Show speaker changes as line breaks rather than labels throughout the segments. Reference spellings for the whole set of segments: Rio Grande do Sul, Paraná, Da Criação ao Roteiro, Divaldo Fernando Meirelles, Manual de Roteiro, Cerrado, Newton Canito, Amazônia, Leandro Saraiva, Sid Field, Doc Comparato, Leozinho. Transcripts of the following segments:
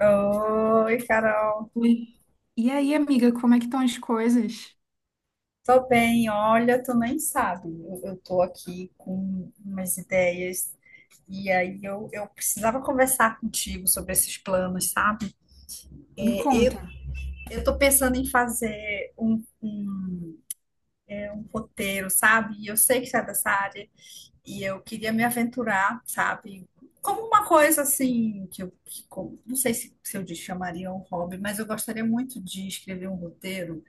Oi, Carol.
Oi. E aí, amiga, como é que estão as coisas?
Tô bem. Olha, tu nem sabe. Eu tô aqui com umas ideias e aí eu precisava conversar contigo sobre esses planos, sabe?
Me
É, eu,
conta.
eu tô pensando em fazer um roteiro, sabe? E eu sei que você é dessa área. E eu queria me aventurar, sabe? Como uma coisa assim, que não sei se eu chamaria um hobby, mas eu gostaria muito de escrever um roteiro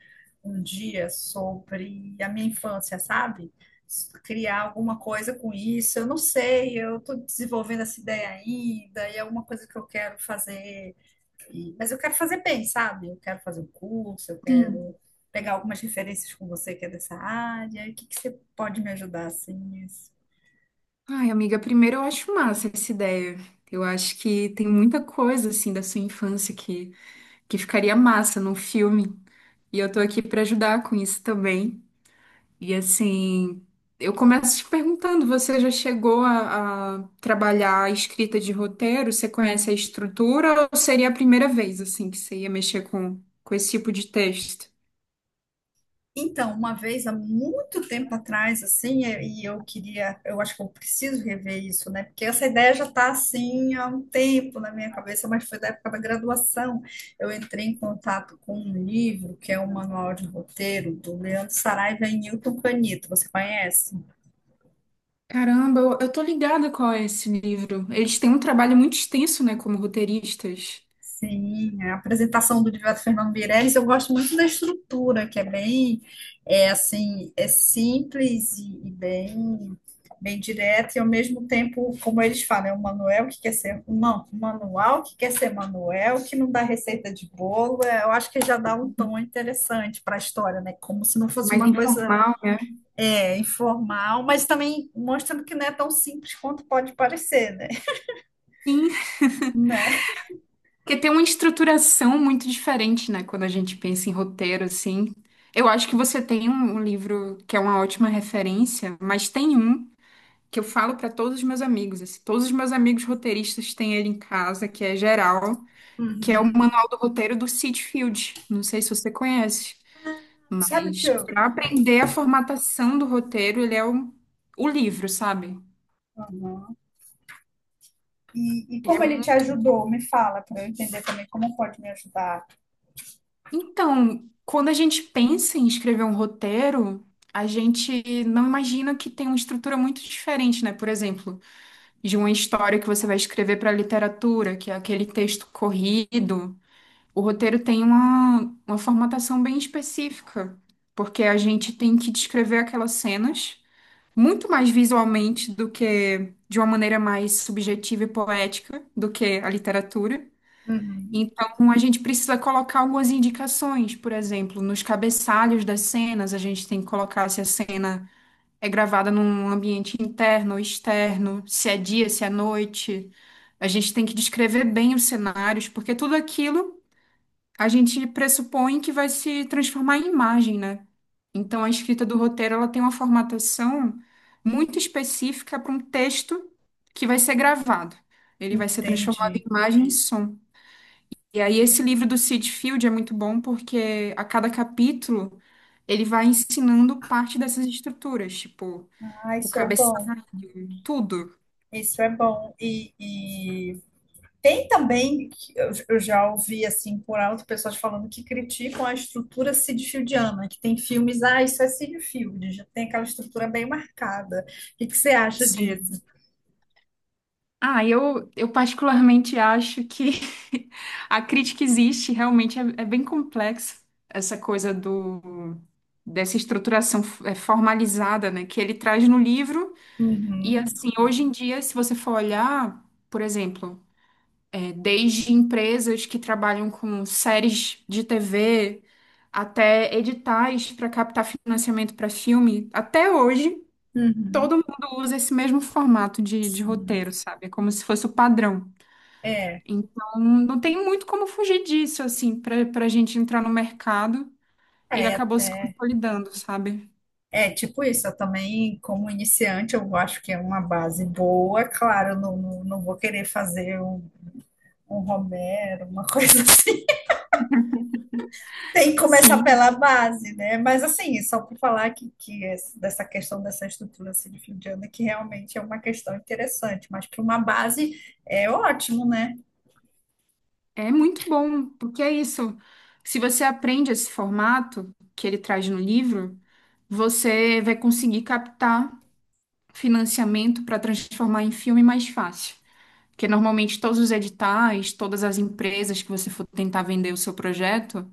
um dia sobre a minha infância, sabe? Criar alguma coisa com isso, eu não sei, eu estou desenvolvendo essa ideia ainda, e é uma coisa que eu quero fazer, mas eu quero fazer bem, sabe? Eu quero fazer um curso, eu
Sim.
quero pegar algumas referências com você, que é dessa área. O que que você pode me ajudar assim?
Ai, amiga, primeiro eu acho massa essa ideia. Eu acho que tem muita coisa, assim, da sua infância que ficaria massa num filme. E eu tô aqui pra ajudar com isso também. E, assim, eu começo te perguntando, você já chegou a trabalhar a escrita de roteiro? Você conhece a estrutura ou seria a primeira vez, assim, que você ia mexer com esse tipo de texto?
Então, uma vez há muito tempo atrás, assim, e eu queria, eu acho que eu preciso rever isso, né? Porque essa ideia já está assim há um tempo na minha cabeça, mas foi da época da graduação. Eu entrei em contato com um livro que é o Manual de Roteiro, do Leandro Saraiva e Newton Canito. Você conhece?
Caramba, eu tô ligada qual é esse livro. Eles têm um trabalho muito extenso, né, como roteiristas,
Sim, a apresentação do Divaldo Fernando Meirelles. Eu gosto muito da estrutura, que é bem, é assim, é simples e bem, bem direta. E ao mesmo tempo, como eles falam, é um manual que quer ser um, não, um manual que quer ser manual, que não dá receita de bolo. É, eu acho que já dá um tom interessante para a história, né? Como se não fosse
mais
uma coisa
informal, né?
é, informal, mas também mostrando que não é tão simples quanto pode parecer, né?
Sim,
Né?
porque tem uma estruturação muito diferente, né, quando a gente pensa em roteiro, assim. Eu acho que você tem um livro que é uma ótima referência, mas tem um que eu falo para todos os meus amigos, assim, todos os meus amigos roteiristas têm ele em casa, que é geral, que é o Manual do Roteiro do Sitfield. Não sei se você conhece.
Sabe o que
Mas
eu
para aprender a formatação do roteiro, ele é o livro, sabe?
E
Ele é
como ele te
muito...
ajudou? Me fala, para eu entender também como pode me ajudar.
Então, quando a gente pensa em escrever um roteiro, a gente não imagina que tem uma estrutura muito diferente, né? Por exemplo, de uma história que você vai escrever para literatura, que é aquele texto corrido. O roteiro tem uma formatação bem específica, porque a gente tem que descrever aquelas cenas, muito mais visualmente do que de uma maneira mais subjetiva e poética do que a literatura.
Uhum.
Então, a gente precisa colocar algumas indicações, por exemplo, nos cabeçalhos das cenas. A gente tem que colocar se a cena é gravada num ambiente interno ou externo, se é dia, se é noite. A gente tem que descrever bem os cenários, porque tudo aquilo a gente pressupõe que vai se transformar em imagem, né? Então, a escrita do roteiro, ela tem uma formatação muito específica para um texto que vai ser gravado. Ele vai ser transformado
Entendi.
em imagem e som. E aí, esse livro do Sid Field é muito bom porque a cada capítulo ele vai ensinando parte dessas estruturas, tipo
Ah,
o
isso é bom,
cabeçalho, tudo.
isso é bom. E tem também, que eu já ouvi assim por alto pessoas falando que criticam a estrutura sidfieldiana, que tem filmes, ah, isso é Sidfield, já tem aquela estrutura bem marcada. O que que você acha
Sim.
disso?
Ah, eu particularmente acho que a crítica existe, realmente é bem complexo essa coisa do dessa estruturação formalizada, né, que ele traz no livro. E
Uhum.
assim, hoje em dia, se você for olhar, por exemplo, desde empresas que trabalham com séries de TV até editais para captar financiamento para filme, até hoje
Uhum.
todo mundo usa esse mesmo formato de
Sim.
roteiro, sabe? É como se fosse o padrão.
É,
Então, não tem muito como fugir disso, assim, para a gente entrar no mercado. Ele
é.
acabou se consolidando, sabe?
É, tipo isso, eu também, como iniciante, eu acho que é uma base boa. Claro, eu não vou querer fazer um, um Romero, uma coisa assim. Tem que começar pela
Sim,
base, né? Mas assim, só para falar que dessa questão dessa estrutura assim, de fim de ano, que realmente é uma questão interessante, mas para uma base é ótimo, né?
é muito bom, porque é isso. Se você aprende esse formato que ele traz no livro, você vai conseguir captar financiamento para transformar em filme mais fácil. Porque normalmente todos os editais, todas as empresas que você for tentar vender o seu projeto,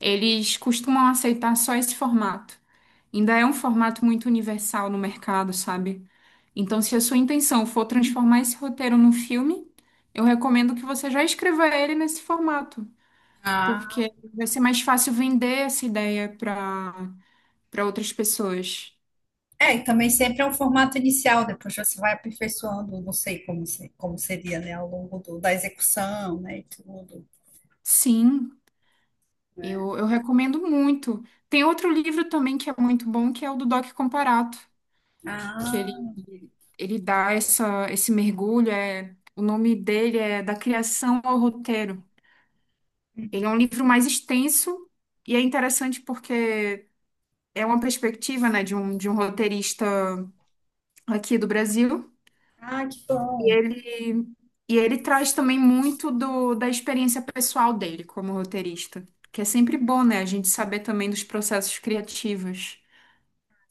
eles costumam aceitar só esse formato. Ainda é um formato muito universal no mercado, sabe? Então, se a sua intenção for transformar esse roteiro num filme, eu recomendo que você já escreva ele nesse formato,
Ah.
porque vai ser mais fácil vender essa ideia para outras pessoas.
É, e também sempre é um formato inicial, depois você vai aperfeiçoando, não sei como, como seria, né, ao longo da execução, né, e tudo.
Sim, eu recomendo muito. Tem outro livro também que é muito bom, que é o do Doc Comparato, que
Ah.
ele dá essa, esse mergulho, é, o nome dele é Da Criação ao Roteiro. Ele é um livro mais extenso e é interessante porque é uma perspectiva, né, de um roteirista aqui do Brasil.
Ah, que
E
bom.
ele, e ele traz também muito do, da experiência pessoal dele como roteirista, que é sempre bom, né, a gente saber também dos processos criativos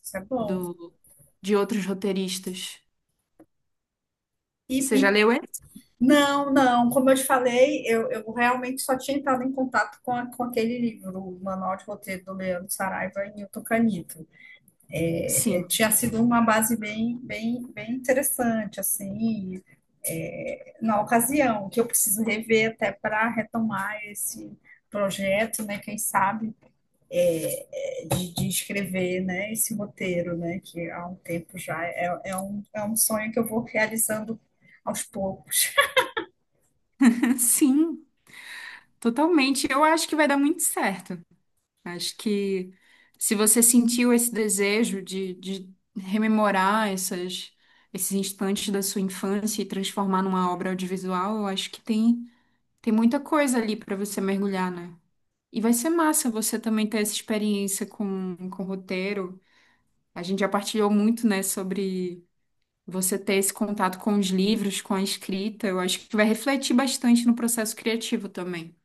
Isso é bom.
do, de outros roteiristas.
E,
Você já
e-
leu ele?
não, não, como eu te falei, eu realmente só tinha entrado em contato com, com aquele livro, o Manual de Roteiro, do Leandro Saraiva e Newton Canito. É, é,
Sim,
tinha sido uma base bem, bem, bem interessante, assim, é, na ocasião, que eu preciso rever até para retomar esse projeto, né? Quem sabe, é, de escrever, né, esse roteiro, né, que há um tempo já é um sonho que eu vou realizando aos poucos.
sim, totalmente. Eu acho que vai dar muito certo. Acho que se você sentiu esse desejo de rememorar essas, esses instantes da sua infância e transformar numa obra audiovisual, eu acho que tem, tem muita coisa ali para você mergulhar, né? E vai ser massa você também ter essa experiência com roteiro. A gente já partilhou muito, né, sobre você ter esse contato com os livros, com a escrita. Eu acho que vai refletir bastante no processo criativo também.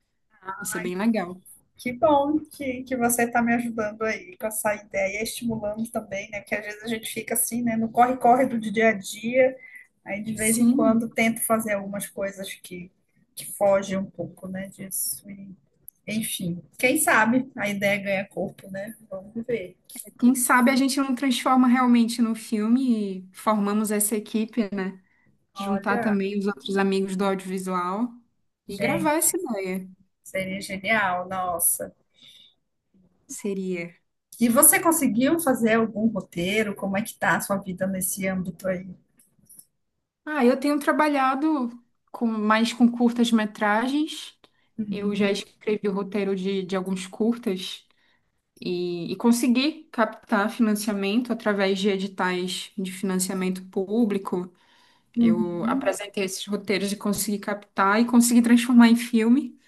Isso é bem legal.
Que bom que você está me ajudando aí com essa ideia, estimulando também, né? Porque às vezes a gente fica assim, né? No corre-corre do dia a dia, aí de vez em
Sim.
quando tento fazer algumas coisas que fogem um pouco, né, disso. E, enfim, quem sabe a ideia ganha corpo, né? Vamos ver.
Quem sabe a gente não transforma realmente no filme e formamos essa equipe, né? Juntar
Olha,
também os outros amigos do audiovisual e gravar
gente.
essa ideia.
Seria genial, nossa.
Seria.
E você conseguiu fazer algum roteiro? Como é que tá a sua vida nesse âmbito aí?
Ah, eu tenho trabalhado com mais com curtas-metragens. Eu já
Uhum.
escrevi o roteiro de alguns curtas e consegui captar financiamento através de editais de financiamento público. Eu
Uhum.
apresentei esses roteiros e consegui captar e consegui transformar em filme.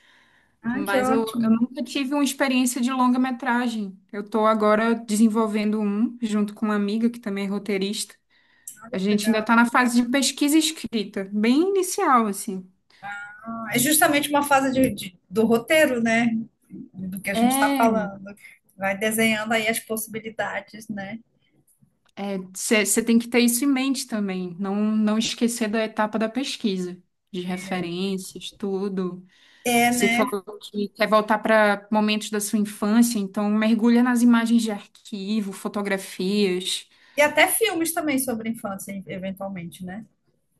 Ah, que
Mas eu
ótimo.
nunca tive uma experiência de longa-metragem. Eu estou agora desenvolvendo um, junto com uma amiga que também é roteirista. A gente ainda
Legal.
está na fase de pesquisa e escrita, bem inicial, assim.
É justamente uma fase do roteiro, né? Do que a gente está falando. Vai desenhando aí as possibilidades, né?
É, você tem que ter isso em mente também, não esquecer da etapa da pesquisa, de
É,
referências, tudo.
é,
Você
né?
falou que quer voltar para momentos da sua infância, então mergulha nas imagens de arquivo, fotografias.
E até filmes também sobre infância, eventualmente, né?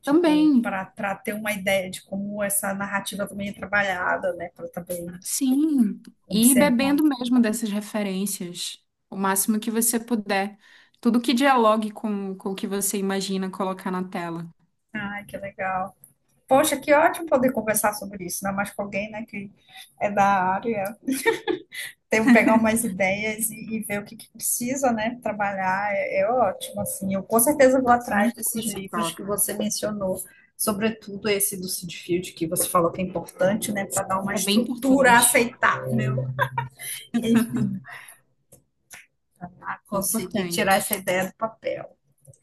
Tipo,
Também.
para ter uma ideia de como essa narrativa também é trabalhada, né? Para também
Sim, e
observar.
bebendo mesmo dessas referências, o máximo que você puder. Tudo que dialogue com o que você imagina colocar na tela.
Ai, que legal. Poxa, que ótimo poder conversar sobre isso, ainda mais com alguém, né, que é da área. Tem um pegar umas ideias e ver o que, que precisa, né, trabalhar. É, é ótimo, assim. Eu com certeza vou
É
atrás
muito boa
desses
essa
livros que
troca.
você mencionou, sobretudo esse do Sid Field, que você falou que é importante, né, para dar uma
É bem
estrutura
importante.
aceitável, enfim, a conseguir
Importante.
tirar essa ideia do papel.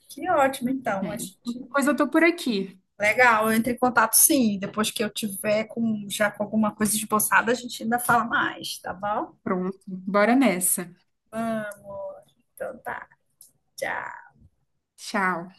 Que ótimo, então,
Bem,
acho que
qualquer coisa eu tô por aqui.
Legal, eu entro em contato sim. Depois que eu tiver com, já com alguma coisa esboçada, a gente ainda fala mais, tá bom?
Pronto, bora nessa.
Então tá, tchau.
Tchau.